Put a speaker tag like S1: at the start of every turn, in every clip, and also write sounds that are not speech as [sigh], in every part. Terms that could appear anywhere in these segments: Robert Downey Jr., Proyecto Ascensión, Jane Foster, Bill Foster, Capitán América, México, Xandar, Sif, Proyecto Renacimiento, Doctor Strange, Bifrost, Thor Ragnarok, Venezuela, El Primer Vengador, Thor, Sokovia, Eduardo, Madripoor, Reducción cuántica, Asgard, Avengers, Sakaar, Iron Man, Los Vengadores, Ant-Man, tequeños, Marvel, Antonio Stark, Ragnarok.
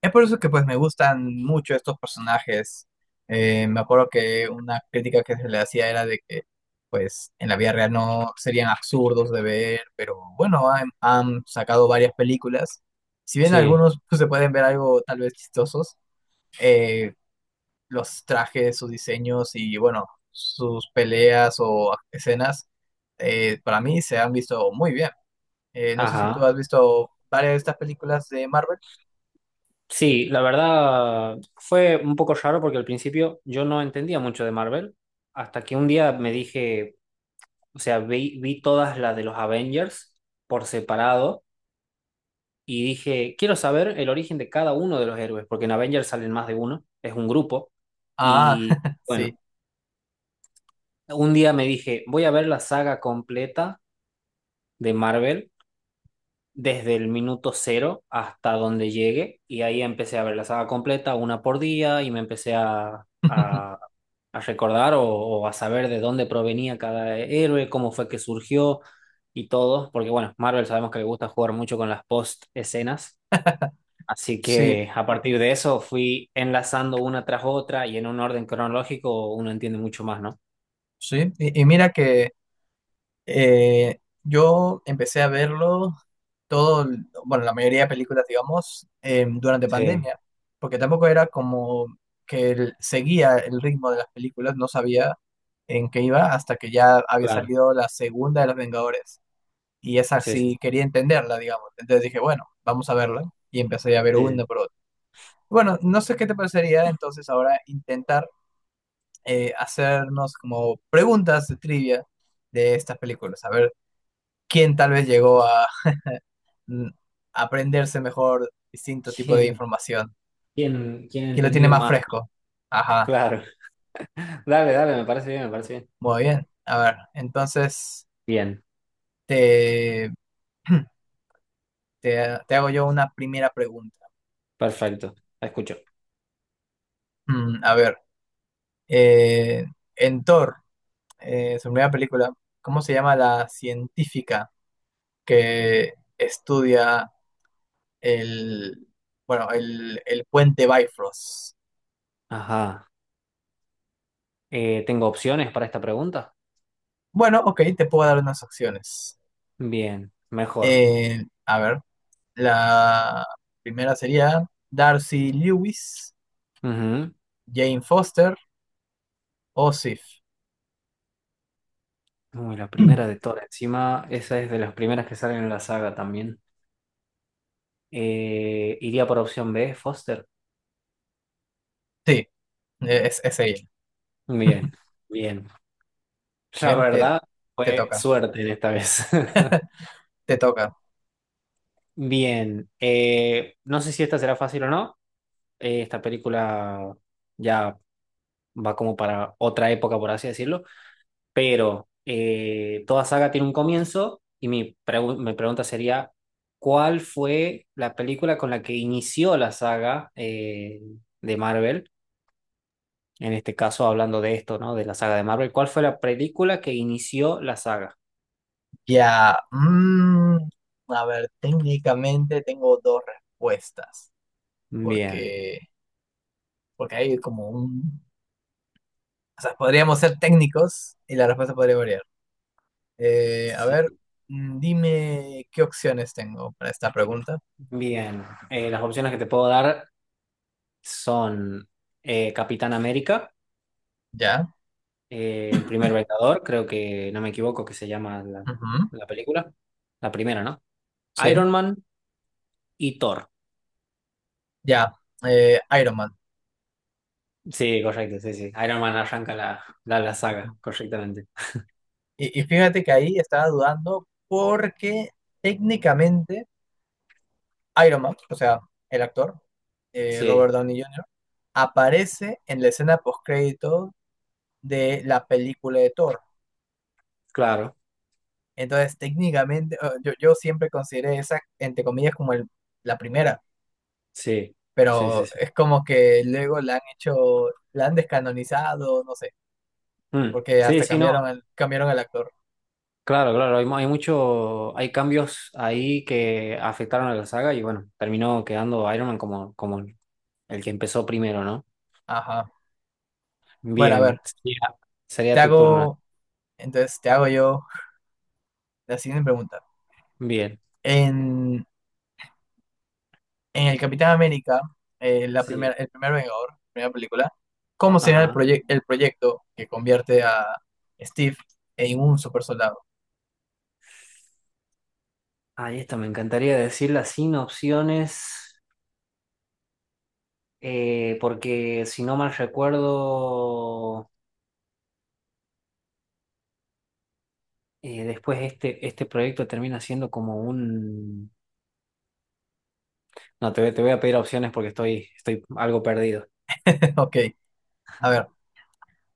S1: Es por eso que pues me gustan mucho estos personajes. Me acuerdo que una crítica que se le hacía era de que pues en la vida real no serían absurdos de ver, pero bueno, han sacado varias películas. Si bien
S2: Sí,
S1: algunos pues, se pueden ver algo tal vez chistosos, eh, los trajes, sus diseños y bueno, sus peleas o escenas, para mí se han visto muy bien. No sé si tú
S2: ajá.
S1: has visto varias de estas películas de Marvel.
S2: Sí, la verdad fue un poco raro porque al principio yo no entendía mucho de Marvel, hasta que un día me dije, o sea, vi todas las de los Avengers por separado y dije, quiero saber el origen de cada uno de los héroes, porque en Avengers salen más de uno, es un grupo.
S1: Ah,
S2: Y
S1: [laughs]
S2: bueno,
S1: sí.
S2: un día me dije, voy a ver la saga completa de Marvel desde el minuto cero hasta donde llegue y ahí empecé a ver la saga completa una por día y me empecé a,
S1: [laughs]
S2: a, a recordar o a saber de dónde provenía cada héroe, cómo fue que surgió y todo, porque bueno, Marvel sabemos que le gusta jugar mucho con las post escenas, así
S1: Sí,
S2: que a partir de eso fui enlazando una tras otra y en un orden cronológico uno entiende mucho más, ¿no?
S1: sí. Y mira que yo empecé a verlo todo, bueno, la mayoría de películas, digamos, durante
S2: Sí,
S1: pandemia, porque tampoco era como que seguía el ritmo de las películas, no sabía en qué iba hasta que ya había
S2: claro,
S1: salido la segunda de Los Vengadores. Y esa
S2: sí, sí,
S1: sí quería entenderla, digamos. Entonces dije, bueno, vamos a verla. Y empecé a ver una
S2: sí.
S1: por otra. Bueno, no sé qué te parecería entonces ahora intentar hacernos como preguntas de trivia de estas películas, a ver quién tal vez llegó a mm, aprenderse mejor distinto tipo de
S2: ¿Quién,
S1: información,
S2: quién, quién
S1: quién lo tiene
S2: entendió
S1: más
S2: más?
S1: fresco. Ajá,
S2: Claro. Dale, dale, me parece bien, me parece bien.
S1: muy bien. A ver, entonces
S2: Bien,
S1: te, [clears throat] te hago yo una primera pregunta.
S2: perfecto. La escucho.
S1: A ver, eh, en Thor, su primera película, ¿cómo se llama la científica que estudia El, bueno, el puente Bifrost?
S2: Ajá. ¿Tengo opciones para esta pregunta?
S1: Bueno, ok, te puedo dar unas opciones.
S2: Bien, mejor.
S1: A ver, la primera sería Darcy Lewis,
S2: Ujú.
S1: Jane Foster o Sif. [clears throat]
S2: Uy, la primera de todas. Encima, esa es de las primeras que salen en la saga también. Iría por opción B, Foster.
S1: Sí, es ella.
S2: Bien, bien. La
S1: Bien,
S2: verdad,
S1: te
S2: fue
S1: toca,
S2: suerte en esta vez. [laughs]
S1: te toca.
S2: Bien, no sé si esta será fácil o no. Esta película ya va como para otra época, por así decirlo. Pero toda saga tiene un comienzo y mi pregunta sería, ¿cuál fue la película con la que inició la saga de Marvel? En este caso, hablando de esto, ¿no? De la saga de Marvel, ¿cuál fue la película que inició la saga?
S1: Ya, mm, a ver, técnicamente tengo dos respuestas,
S2: Bien,
S1: porque, porque hay como un... O sea, podríamos ser técnicos y la respuesta podría variar. A ver,
S2: sí,
S1: dime qué opciones tengo para esta pregunta.
S2: bien. Las opciones que te puedo dar son Capitán América,
S1: Ya,
S2: El Primer Vengador, creo que no me equivoco que se llama la
S1: ujú,
S2: la película, la primera, ¿no?
S1: sí,
S2: Iron Man y Thor.
S1: ya, Iron Man.
S2: Sí, correcto, sí, sí. Iron Man arranca la saga,
S1: Ujú.
S2: correctamente.
S1: Y fíjate que ahí estaba dudando porque técnicamente Iron Man, o sea, el actor, Robert
S2: Sí,
S1: Downey Jr., aparece en la escena postcrédito de la película de Thor.
S2: claro,
S1: Entonces, técnicamente, yo siempre consideré esa, entre comillas, como la primera.
S2: sí, sí, sí,
S1: Pero
S2: sí.
S1: es como que luego la han hecho, la han descanonizado, no sé,
S2: Mm,
S1: porque
S2: sí,
S1: hasta
S2: sí, no,
S1: cambiaron cambiaron el actor.
S2: claro, claro, hay, hay mucho, hay cambios ahí que afectaron a la saga y bueno, terminó quedando Iron Man como, como el que empezó primero, ¿no?
S1: Ajá. Bueno, a
S2: Bien,
S1: ver,
S2: sería, sería
S1: te
S2: tu turno.
S1: hago, entonces te hago yo la siguiente pregunta.
S2: Bien,
S1: En, en el Capitán América, la primera,
S2: sí,
S1: el primer Vengador, primera película, ¿cómo será el,
S2: ajá.
S1: el proyecto que convierte a Steve en un super soldado?
S2: Ahí esta me encantaría decirla sin opciones, porque si no mal recuerdo... después este proyecto termina siendo como un... No, te voy a pedir opciones porque estoy, estoy algo perdido.
S1: [laughs] Ok, a ver,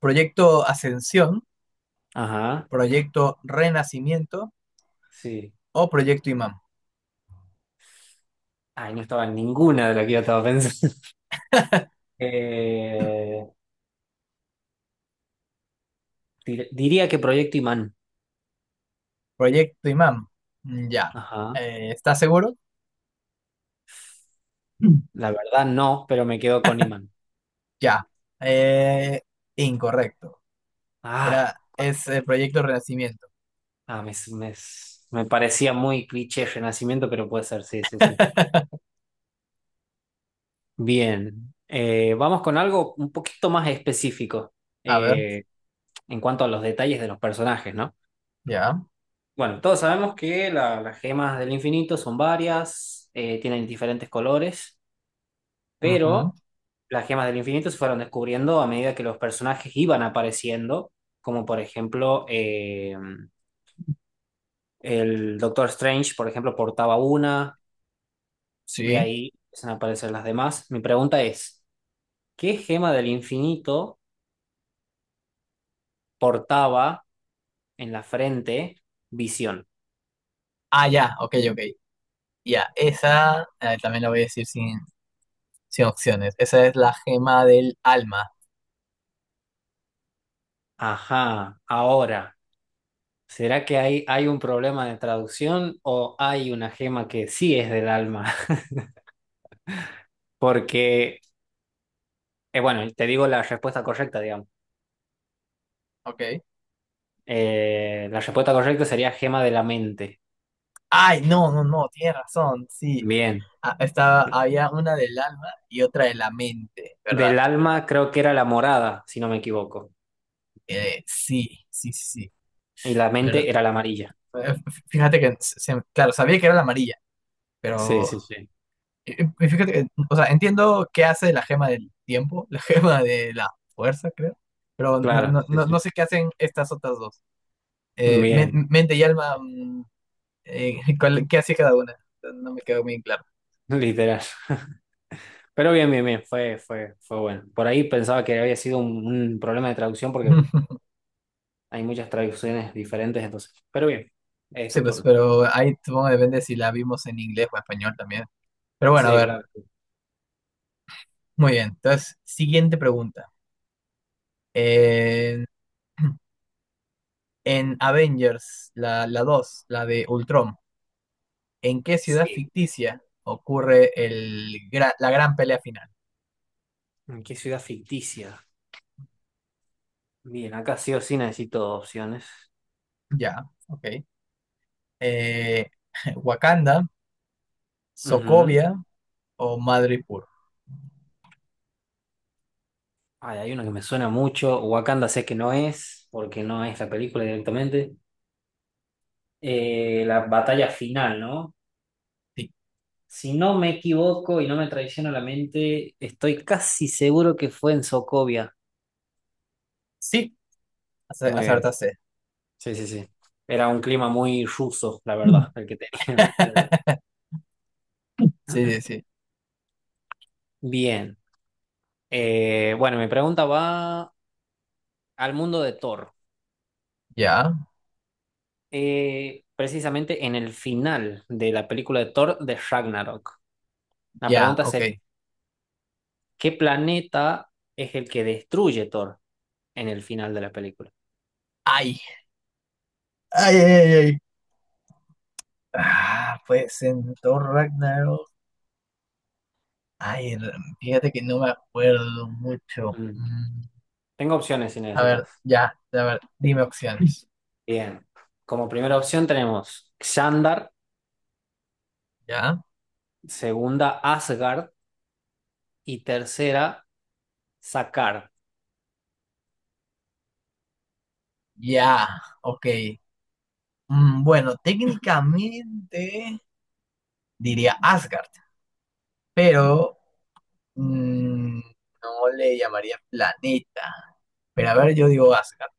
S1: proyecto Ascensión,
S2: Ajá,
S1: proyecto Renacimiento
S2: sí.
S1: o proyecto Imán.
S2: Ay, no estaba en ninguna de las que yo estaba pensando. [laughs] Eh, Diría que Proyecto Imán.
S1: Proyecto Imam, mm, ya.
S2: Ajá.
S1: ¿Estás seguro? Mm.
S2: La verdad no, pero me quedo con Imán.
S1: Ya. Eh, Incorrecto.
S2: Ah,
S1: Es el Proyecto Renacimiento.
S2: ah, me, me- Me parecía muy cliché Renacimiento, pero puede ser, sí, sí, sí.
S1: [laughs]
S2: Bien. Vamos con algo un poquito más específico
S1: A ver,
S2: eh, en cuanto a los detalles de los personajes, ¿no?
S1: ya.
S2: Bueno, todos sabemos que las gemas del infinito son varias, tienen diferentes colores,
S1: Ujú,
S2: pero las gemas del infinito se fueron descubriendo a medida que los personajes iban apareciendo, como por ejemplo el Doctor Strange, por ejemplo, portaba una, de
S1: sí.
S2: ahí empiezan a aparecer las demás. Mi pregunta es, ¿qué gema del infinito portaba en la frente Visión?
S1: Ah, ya, ok, ok. Ya, esa, también la voy a decir sin opciones. Esa es la gema del alma.
S2: Ajá, ahora. ¿Será que hay un problema de traducción o hay una gema que sí es del alma? [laughs] Porque, bueno, te digo la respuesta correcta, digamos.
S1: Ok.
S2: La respuesta correcta sería gema de la mente.
S1: Ay, no, no, no, tienes razón, sí.
S2: Bien.
S1: Ah, estaba, había una del alma y otra de la mente, ¿verdad?
S2: Del alma creo que era la morada, si no me equivoco.
S1: Sí, sí, sí. Sí.
S2: Y la
S1: Pero
S2: mente era la amarilla.
S1: eh, fíjate que, claro, sabía que era la amarilla,
S2: Sí,
S1: pero
S2: sí, sí.
S1: fíjate que, o sea, entiendo qué hace la gema del tiempo, la [laughs] gema de la fuerza, creo, pero no,
S2: Claro,
S1: no,
S2: sí,
S1: no, no
S2: sí.
S1: sé qué hacen estas otras dos.
S2: Bien,
S1: Mente y alma, [laughs] ¿cuál- ¿qué hacía cada una? No me quedó muy claro.
S2: literal. [laughs] Pero bien, bien, bien, fue bueno. Por ahí pensaba que había sido un problema de traducción porque
S1: [laughs]
S2: hay muchas traducciones diferentes, entonces. Pero bien, es
S1: Sí,
S2: tu
S1: pues,
S2: turno.
S1: pero ahí supongo que depende si la vimos en inglés o español también. Pero bueno, a
S2: Sí,
S1: ver,
S2: claro.
S1: muy bien. Entonces, siguiente pregunta. Eh, en Avengers, la 2 la de Ultron. ¿En qué ciudad
S2: Sí.
S1: ficticia ocurre la gran pelea final?
S2: ¿En qué ciudad ficticia? Bien, acá sí o sí necesito opciones.
S1: Ya, ok. Eh, [laughs] Wakanda,
S2: Ujú.
S1: Sokovia o Madripoor.
S2: Ay, hay una que me suena mucho. Wakanda sé que no es, porque no es la película directamente. La batalla final, ¿no?
S1: Sí,
S2: Si no me equivoco y no me traiciona la mente, estoy casi seguro que fue en Sokovia.
S1: sí,
S2: Muy bien.
S1: acertaste.
S2: Sí, sí, sí. Era un clima muy ruso, la verdad, el
S1: [clears throat]
S2: que tenían. [laughs]
S1: Sí, sí, sí.
S2: Bien. Bueno, mi pregunta va al mundo de Thor.
S1: Ya,
S2: Eh, precisamente en el final de la película de Thor de Ragnarok. La
S1: ya,
S2: pregunta
S1: ok.
S2: sería, ¿qué planeta es el que destruye Thor en el final de la película?
S1: Ay, ay, ay, ay. Ah, pues en Thor Ragnarok. Ay, fíjate que no me acuerdo mucho.
S2: Mm. Tengo opciones si
S1: A
S2: necesitas.
S1: ver, ya, a ver, dime opciones.
S2: Bien. Como primera opción tenemos Xandar,
S1: [laughs] Ya,
S2: segunda Asgard y tercera Sakaar.
S1: ya, ok. Bueno, técnicamente diría Asgard, pero mm, no le llamaría planeta. Pero a ver, yo digo Asgard.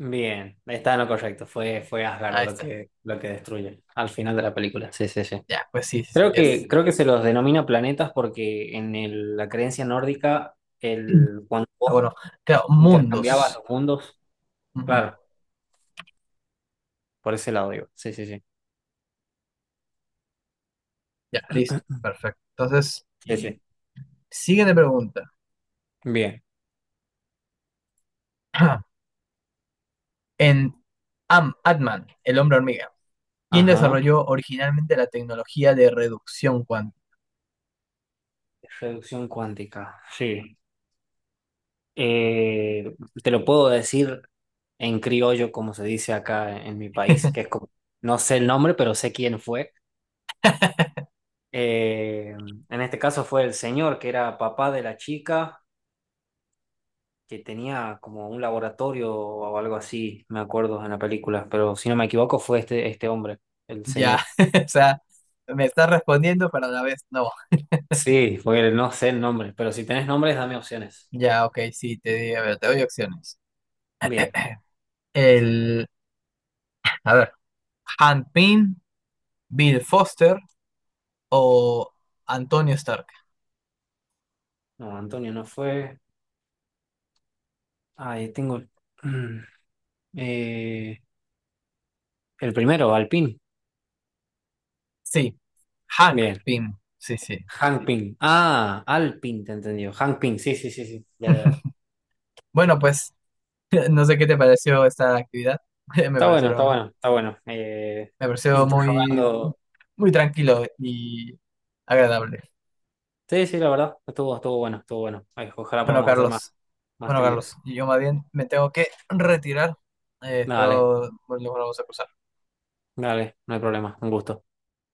S2: Bien, está en lo correcto. Fue, fue Asgard
S1: Ahí está.
S2: lo que destruye al final de la película. Sí, sí, sí.
S1: Ya, pues sí, sí, sí, es.
S2: Creo que se los denomina planetas porque en la creencia nórdica,
S1: [clears throat]
S2: el, cuando
S1: Ah,
S2: vos
S1: bueno, claro,
S2: intercambiabas
S1: mundos.
S2: los mundos,
S1: Ujú,
S2: claro, por ese lado digo. Sí, sí, sí.
S1: ya, listo, perfecto. Entonces,
S2: Sí,
S1: y
S2: sí.
S1: siguiente pregunta.
S2: Bien.
S1: [clears throat] En Am Ant-Man, el hombre hormiga, ¿quién
S2: Ajá.
S1: desarrolló originalmente la tecnología de reducción cuántica?
S2: Reducción cuántica. Sí. Eh, te lo puedo decir en criollo, como se dice acá en mi país, que es como, no sé el nombre, pero sé quién fue. Eh, en este caso fue el señor que era papá de la chica que tenía como un laboratorio o algo así, me acuerdo en la película, pero si no me equivoco fue este hombre, el
S1: Ya,
S2: señor.
S1: [laughs] o sea, me está respondiendo, pero a la vez no.
S2: Sí, porque no sé el nombre, pero si tenés nombres, dame opciones.
S1: Ya, ok, sí, te di, a ver, te doy opciones.
S2: Bien,
S1: [clears throat] El, a ver, Hank Pym, Bill Foster o Antonio Stark.
S2: no, Antonio no fue. Ahí tengo mm, eh, el primero, Alpin.
S1: Sí, Hank
S2: Bien,
S1: Pym, sí, sí.
S2: Hank Pym. Ah, Alpin, te entendió. Hank Pym, sí, sí, sí, sí. Ya, ya.
S1: Bueno, pues, [laughs] no sé qué te pareció esta actividad. [laughs] Me
S2: Está bueno, está
S1: parecieron,
S2: bueno, está bueno.
S1: me pareció muy,
S2: Interrogando.
S1: muy tranquilo y agradable.
S2: Sí, sí, la verdad, estuvo, estuvo bueno, estuvo bueno. Ay, ojalá
S1: Bueno,
S2: podamos hacer más,
S1: Carlos,
S2: más
S1: bueno, Carlos,
S2: trivias.
S1: yo más bien me tengo que retirar.
S2: Dale,
S1: Espero volvamos a cruzar.
S2: dale, no hay problema, un gusto.